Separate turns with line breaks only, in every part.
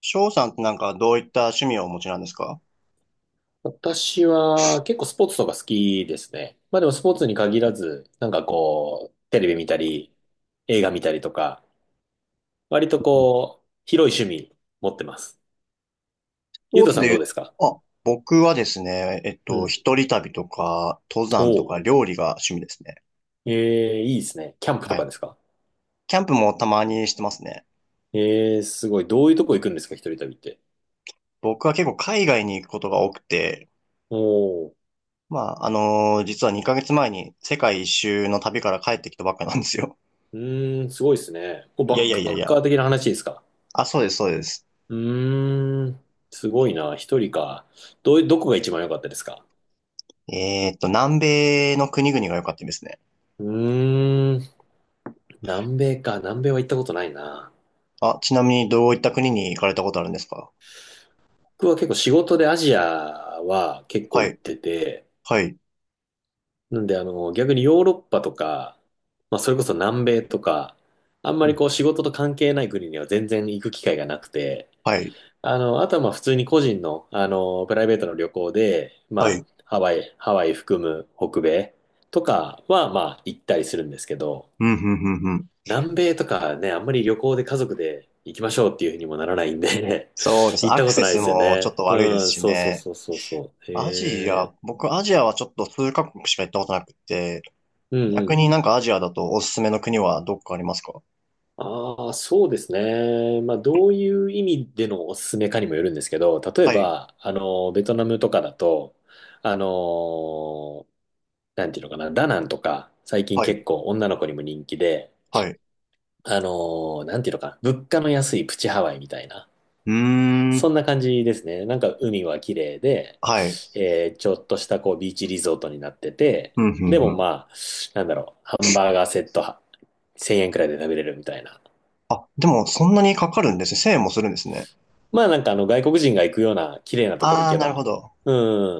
翔さんってなんかどういった趣味をお持ちなんですか？
私は結構スポーツとか好きですね。まあでもスポーツに限らず、なんかこう、テレビ見たり、映画見たりとか、割とこう、広い趣味持ってます。
スポ
ゆう
ー
と
ツ
さ
で
んど
言
うで
う、
すか？
あ、僕はですね、
うん。
一人旅とか、登山と
お
か、
う。
料理が趣味ですね。
ええいいですね。キャンプ
は
とか
い。
ですか？
キャンプもたまにしてますね。
ええすごい。どういうとこ行くんですか、一人旅って。
僕は結構海外に行くことが多くて、
おう。
まあ、実は2ヶ月前に世界一周の旅から帰ってきたばっかなんですよ。
うーん、すごいですね。こ う
い
バ
やい
ッ
や
ク
い
パ
やい
ッカ
や。
ー的な話ですか？
あ、そうです、そうです。
うーん、すごいな。一人か。どこが一番良かったですか？
南米の国々が良かったですね。
うーん。南米か。南米は行ったことないな。
あ、ちなみにどういった国に行かれたことあるんですか？
僕は結構仕事でアジアは結構
は
行っ
い、
てて、
はい、
なんで逆にヨーロッパとか、まあそれこそ南米とか、あんまりこう仕事と関係ない国には全然行く機会がなくて、
はい、
あとはまあ普通に個人の、プライベートの旅行で、
は
ま
い。
あハワイ含む北米とかはまあ行ったりするんですけど、
うん、うん、うん、うん。
南米とかね、あんまり旅行で家族で行きましょうっていうふうにもならないんで、
そうで す。
行っ
ア
た
ク
こと
セ
ないで
ス
すよ
もちょっ
ね。
と悪いです
うん、
し
そうそう
ね。
そうそうそう。
アジア、僕アジアはちょっと数カ国しか行ったことなくて、
うんう
逆
ん。
になんかアジアだとおすすめの国はどっかありますか？
ああ、そうですね。まあ、どういう意味でのおすすめかにもよるんですけど、例え
はい、
ば、ベトナムとかだと、あの、なんていうのかな、ダナンとか、最近
はい、
結構女の子にも人気で、
はい、う
なんていうのかな、物価の安いプチハワイみたいな。
ー
そ
ん、
んな感じですね。なんか海は綺麗で、
はい。
ちょっとしたこうビーチリゾートになってて、
うん、うん。
でも
うん。
まあ、なんだろう、ハンバーガーセットは1000円くらいで食べれるみたいな。
あ、でもそんなにかかるんですね。1円もするんですね。
まあなんかあの外国人が行くような綺麗なところ
あ
行
あ、
け
なるほ
ば、
ど。
う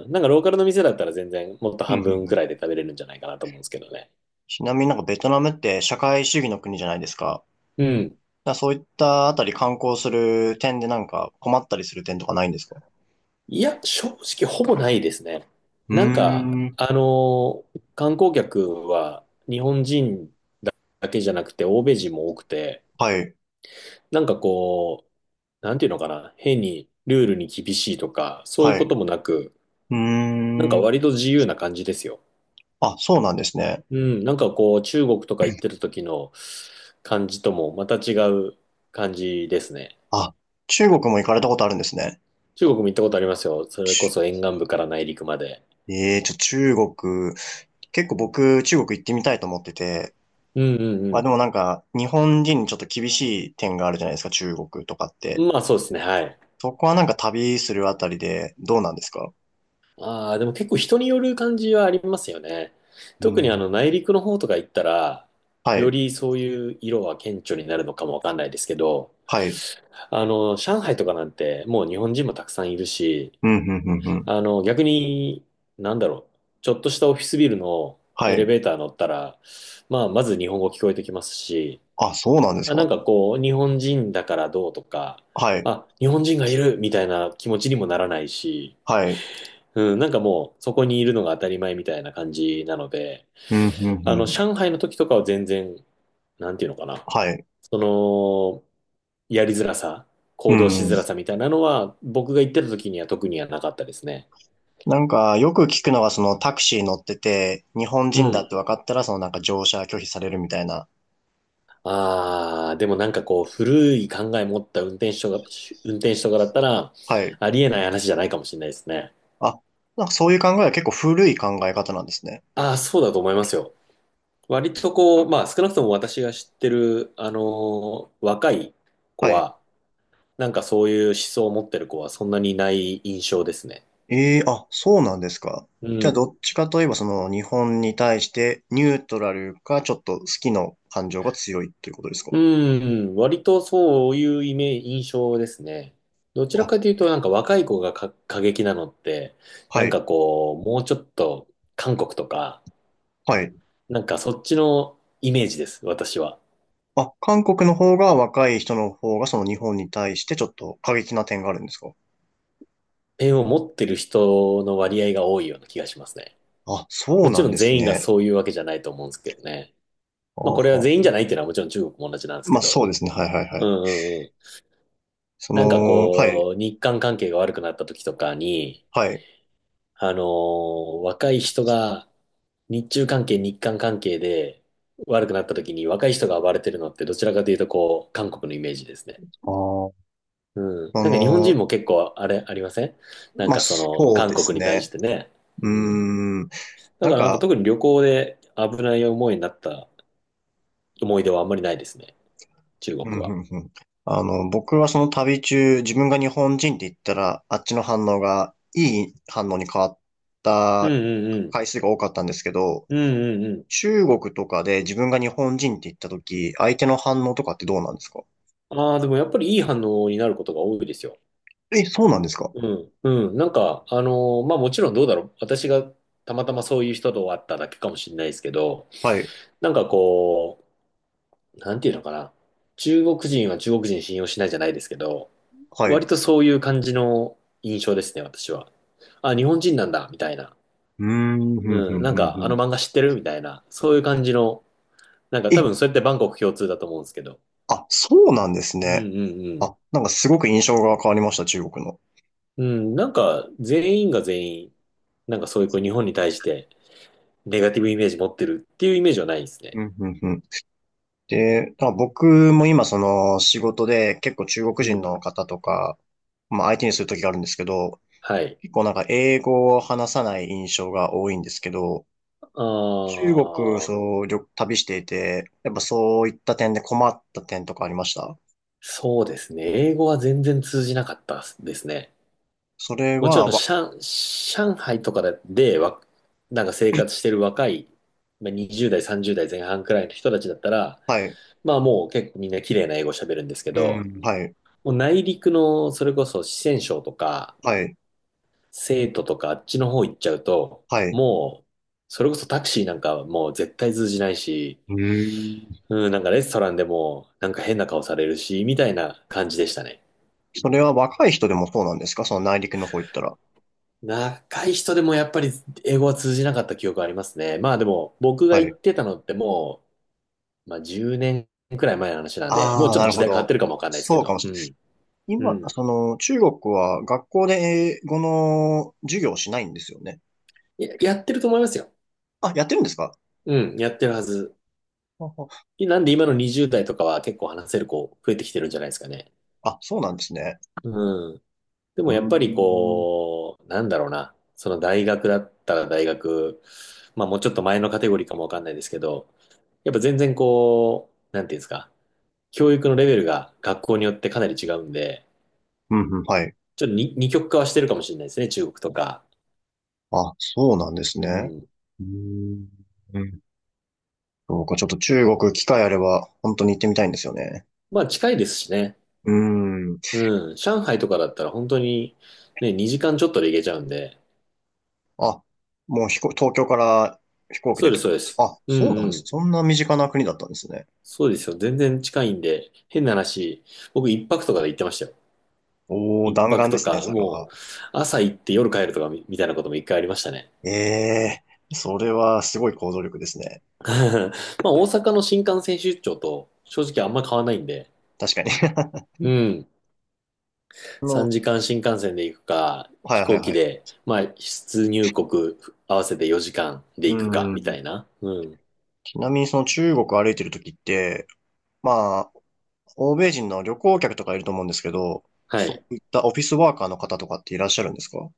ん、なんかローカルの店だったら全然もっと
うん、う
半分
ん、う
くら
ん。
いで食べれるんじゃないかなと思うんですけどね。
ちなみになんかベトナムって社会主義の国じゃないですか。
うん。
だからそういったあたり観光する点でなんか困ったりする点とかないんですか？
いや、正直ほぼないですね。
うー
なんか、
ん、
観光客は日本人だけじゃなくて欧米人も多くて、
はい、
なんかこう、なんていうのかな、変にルールに厳しいとか、そういう
は
こ
い。
ともなく、
うー
なんか
ん。
割と自由な感じですよ。
あ、そうなんですね。
うん、なんかこう、中国とか行ってる時の感じともまた違う感じですね。
あ、中国も行かれたことあるんですね。
中国も行ったことありますよ。それこ
ち
そ
ゅ
沿岸部から内陸まで。
ええー、中国、結構僕、中国行ってみたいと思ってて、
うんう
まあで
ん
もなんか、日本人にちょっと厳しい点があるじゃないですか、中国とかって。
うん。まあそうですね、はい。
そこはなんか旅するあたりで、どうなんですか？
ああ、でも結構人による感じはありますよね。
う
特にあの
ん。
内陸の方とか行ったら、
は
よ
い、
りそういう色は顕著になるのかもわかんないですけど、
はい、
上海とかなんて、もう日本人もたくさんいるし、
うん、うん、うん、うん。
逆に、なんだろう、ちょっとしたオフィスビルの
は
エレ
い。
ベーター乗ったら、まあ、まず日本語聞こえてきますし、
あ、そうなんです
あ、な
か？
んかこう、日本人だからどうとか、
はい、
あ、日本人がいるみたいな気持ちにもならないし、
はい、
うん、なんかもう、そこにいるのが当たり前みたいな感じなので、
うん、うん、うん。
上海の時とかは全然、なんていうのかな。
はい、
その、やりづらさ、
う
行動し
ん。
づらさみたいなのは、僕が行ってた時には特にはなかったですね。
なんか、よく聞くのは、そのタクシー乗ってて、日本
う
人だっ
ん。
て分かったら、そのなんか乗車拒否されるみたいな。
ああ、でもなんかこう、古い考え持った運転手とかだったら、
はい。
ありえない話じゃないかもしれないですね。
あ、なんかそういう考えは結構古い考え方なんですね。
ああ、そうだと思いますよ。割とこう、まあ少なくとも私が知ってる、若い子
はい。
は、なんかそういう思想を持ってる子はそんなにいない印象ですね。
ええ、あ、そうなんですか。
う
じゃあ、ど
ん。
っちかといえば、その日本に対してニュートラルか、ちょっと好きの感情が強いっていうことですか？
うん、割とそういうイメージ、印象ですね。どちら
あ、
かというと、なんか若い子がか過激なのって、
は
なん
い。
かこう、もうちょっと韓国とか、
はい。
なんかそっちのイメージです、私は。
あ、韓国の方が若い人の方が、その日本に対してちょっと過激な点があるんですか？
ペンを持ってる人の割合が多いような気がしますね。
あ、そう
もち
なん
ろん
です
全員が
ね。
そういうわけじゃないと思うんですけどね。
あ
まあ
は、
これは全員じゃないっていうのはもちろん中国も同じなんですけ
まあそ
ど。
うですね。はいはいは
うん
い。
うんうん。
そ
なんか
の、はい、
こう、日韓関係が悪くなった時とかに、
はい。
若い人が日中関係、日韓関係で悪くなった時に若い人が暴れてるのってどちらかというとこう、韓国のイメージですね。
ああ、
うん。
あ
なんか日本人
の、
も結構あれありません？なん
まあ、
かその
そう
韓
で
国
す
に対し
ね。
てね。う
うー
ん。
ん。
だ
な
か
ん
らなんか
か、
特に旅行で危ない思いになった思い出はあんまりないですね。中国
うん、
は。
うん、うん。あの、僕はその旅中、自分が日本人って言ったら、あっちの反応がいい反応に変わっ
うん
た
うんうん。
回数が多かったんですけど、
うんうんうん。
中国とかで自分が日本人って言った時、相手の反応とかってどうなんですか？
ああ、でもやっぱりいい反応になることが多いですよ。
え、そうなんですか？
うん、うん。なんか、まあもちろんどうだろう。私がたまたまそういう人と会っただけかもしれないですけど、
はい、
なんかこう、なんていうのかな。中国人は中国人信用しないじゃないですけど、
はい。
割
う
とそういう感じの印象ですね、私は。あ、日本人なんだ、みたいな。
ーん、ふんふん
うん、なん
ふんふ
かあ
ん。
の漫画知ってるみたいな。そういう感じの、なんか多
え、
分それってバンコク共通だと思うんですけど。
あ、そうなんです
うんう
ね。
ん
あ、なんかすごく印象が変わりました、中国の。
うん。うん、なんか全員が全員、なんかそういうこう日本に対して、ネガティブイメージ持ってるっていうイメージはないです
う
ね。
ん、うん、うん。で、まあ僕も今その仕事で結構中
う
国人
ん。
の方とか、まあ相手にする時があるんですけど、
はい。
結構なんか英語を話さない印象が多いんですけど、
あ
中国、
ー、
そう、旅していて、やっぱそういった点で困った点とかありました？
そうですね。英語は全然通じなかったですね。
それ
もちろ
は、
ん、上海とかで、なんか生活してる若い、まあ20代、30代前半くらいの人たちだったら、
はい、
まあもう結構みんな綺麗な英語喋るんですけ
う
ど、
ん。はい、
もう内陸の、それこそ四川省とか、
はい、
成都とかあっちの方行っちゃうと、
はい。
もう、それこそタクシーなんかはもう絶対通じないし、
うん。
うん、なんかレストランでも、なんか変な顔されるし、みたいな感じでしたね。
それは若い人でもそうなんですか？その内陸の方行ったら。
若い人でもやっぱり英語は通じなかった記憶ありますね。まあでも、僕が
は
行
い。
ってたのってもう、まあ10年くらい前の話なんで、もう
ああ、
ちょっ
な
と
る
時
ほ
代変わって
ど。
るかもわかんないですけ
そうか
ど、
もし
うん、
れない。
う
今、
ん。
その、中国は学校で英語の授業をしないんですよね。
やってると思いますよ。
あ、やってるんですか？
うん、やってるはず。
はは
なんで今の20代とかは結構話せる子増えてきてるんじゃないですかね。
あ、そうなんですね。
うん。で
う
も
ー
やっぱり
ん。
こう、なんだろうな、その大学だったら大学、まあもうちょっと前のカテゴリーかもわかんないですけど、やっぱ全然こう、なんていうんですか、教育のレベルが学校によってかなり違うんで、
うん、うん、はい。
ちょっとに二極化はしてるかもしれないですね、中国とか。
あ、そうなんです
う
ね。
ん。
うーん。そうか、ちょっと中国機会あれば、本当に行ってみたいんですよね。
まあ近いですしね。
うーん。
うん。上海とかだったら本当にね、2時間ちょっとで行けちゃうんで。
あ、もう東京から飛行機
そ
で
う
っ
で
て
す、
こ
そうで
とか。
す。
あ、
う
そ
ん
うな
う
んです。
ん。
そんな身近な国だったんですね。
そうですよ。全然近いんで、変な話、僕一泊とかで行ってましたよ。
おー、
一
弾
泊
丸で
と
すね、
か、
それ
も
は。
う朝行って夜帰るとかみたいなことも一回ありましたね。
ええ、それはすごい行動力ですね。
まあ大阪の新幹線出張と正直あんま変わらないんで、
確かに。
うん。
あの、
3時間新幹線で行くか、
はい
飛
はい
行機
はい。
で、まあ出入国合わせて4時間で
う
行くか、みた
ん。
いな。うん。
ちなみにその中国歩いてる時って、まあ、欧米人の旅行客とかいると思うんですけど、
は
そ
い。
ういったオフィスワーカーの方とかっていらっしゃるんですか？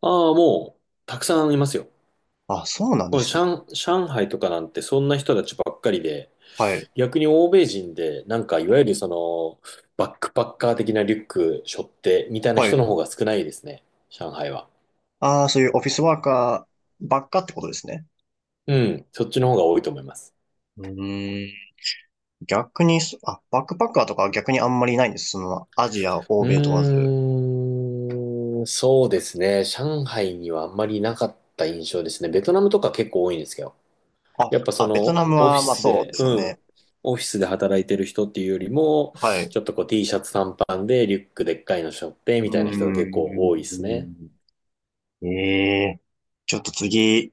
ああ、もう、たくさんいますよ。
あ、そうなんで
もう
すね。
上海とかなんてそんな人たちばっかりで、
はい。
逆に欧米人で、なんかいわゆるその、バックパッカー的なリュック背負ってみたいな
はい。
人の方が少ないですね。上海は。
ああ、そういうオフィスワーカーばっかってことですね。
うん、そっちの方が多いと思います。
うーん。逆にあ、バックパッカーとかは逆にあんまりいないんです。その、アジア、欧
う
米問わず。
ーん、そうですね。上海にはあんまりなかった印象ですね。ベトナムとか結構多いんですけど。
あ、
やっぱそ
あ、ベトナ
の、
ム
オフィ
は、まあ
ス
そう
で、
ですよ
うん、
ね。
オフィスで働いてる人っていうよりも、
はい。
ちょっとこう T シャツ短パンでリュックでっかいの背負ってみ
うー
たいな人が結構多いですね。
ん。ええ、ちょっと次、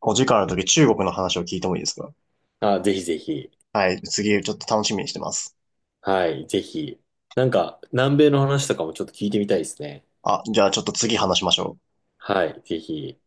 お時間あるとき中国の話を聞いてもいいですか？
あ、ぜひぜひ。
はい、次、ちょっと楽しみにしてます。
はい、ぜひ。なんか、南米の話とかもちょっと聞いてみたいですね。
あ、じゃあちょっと次話しましょう。
はい、ぜひ。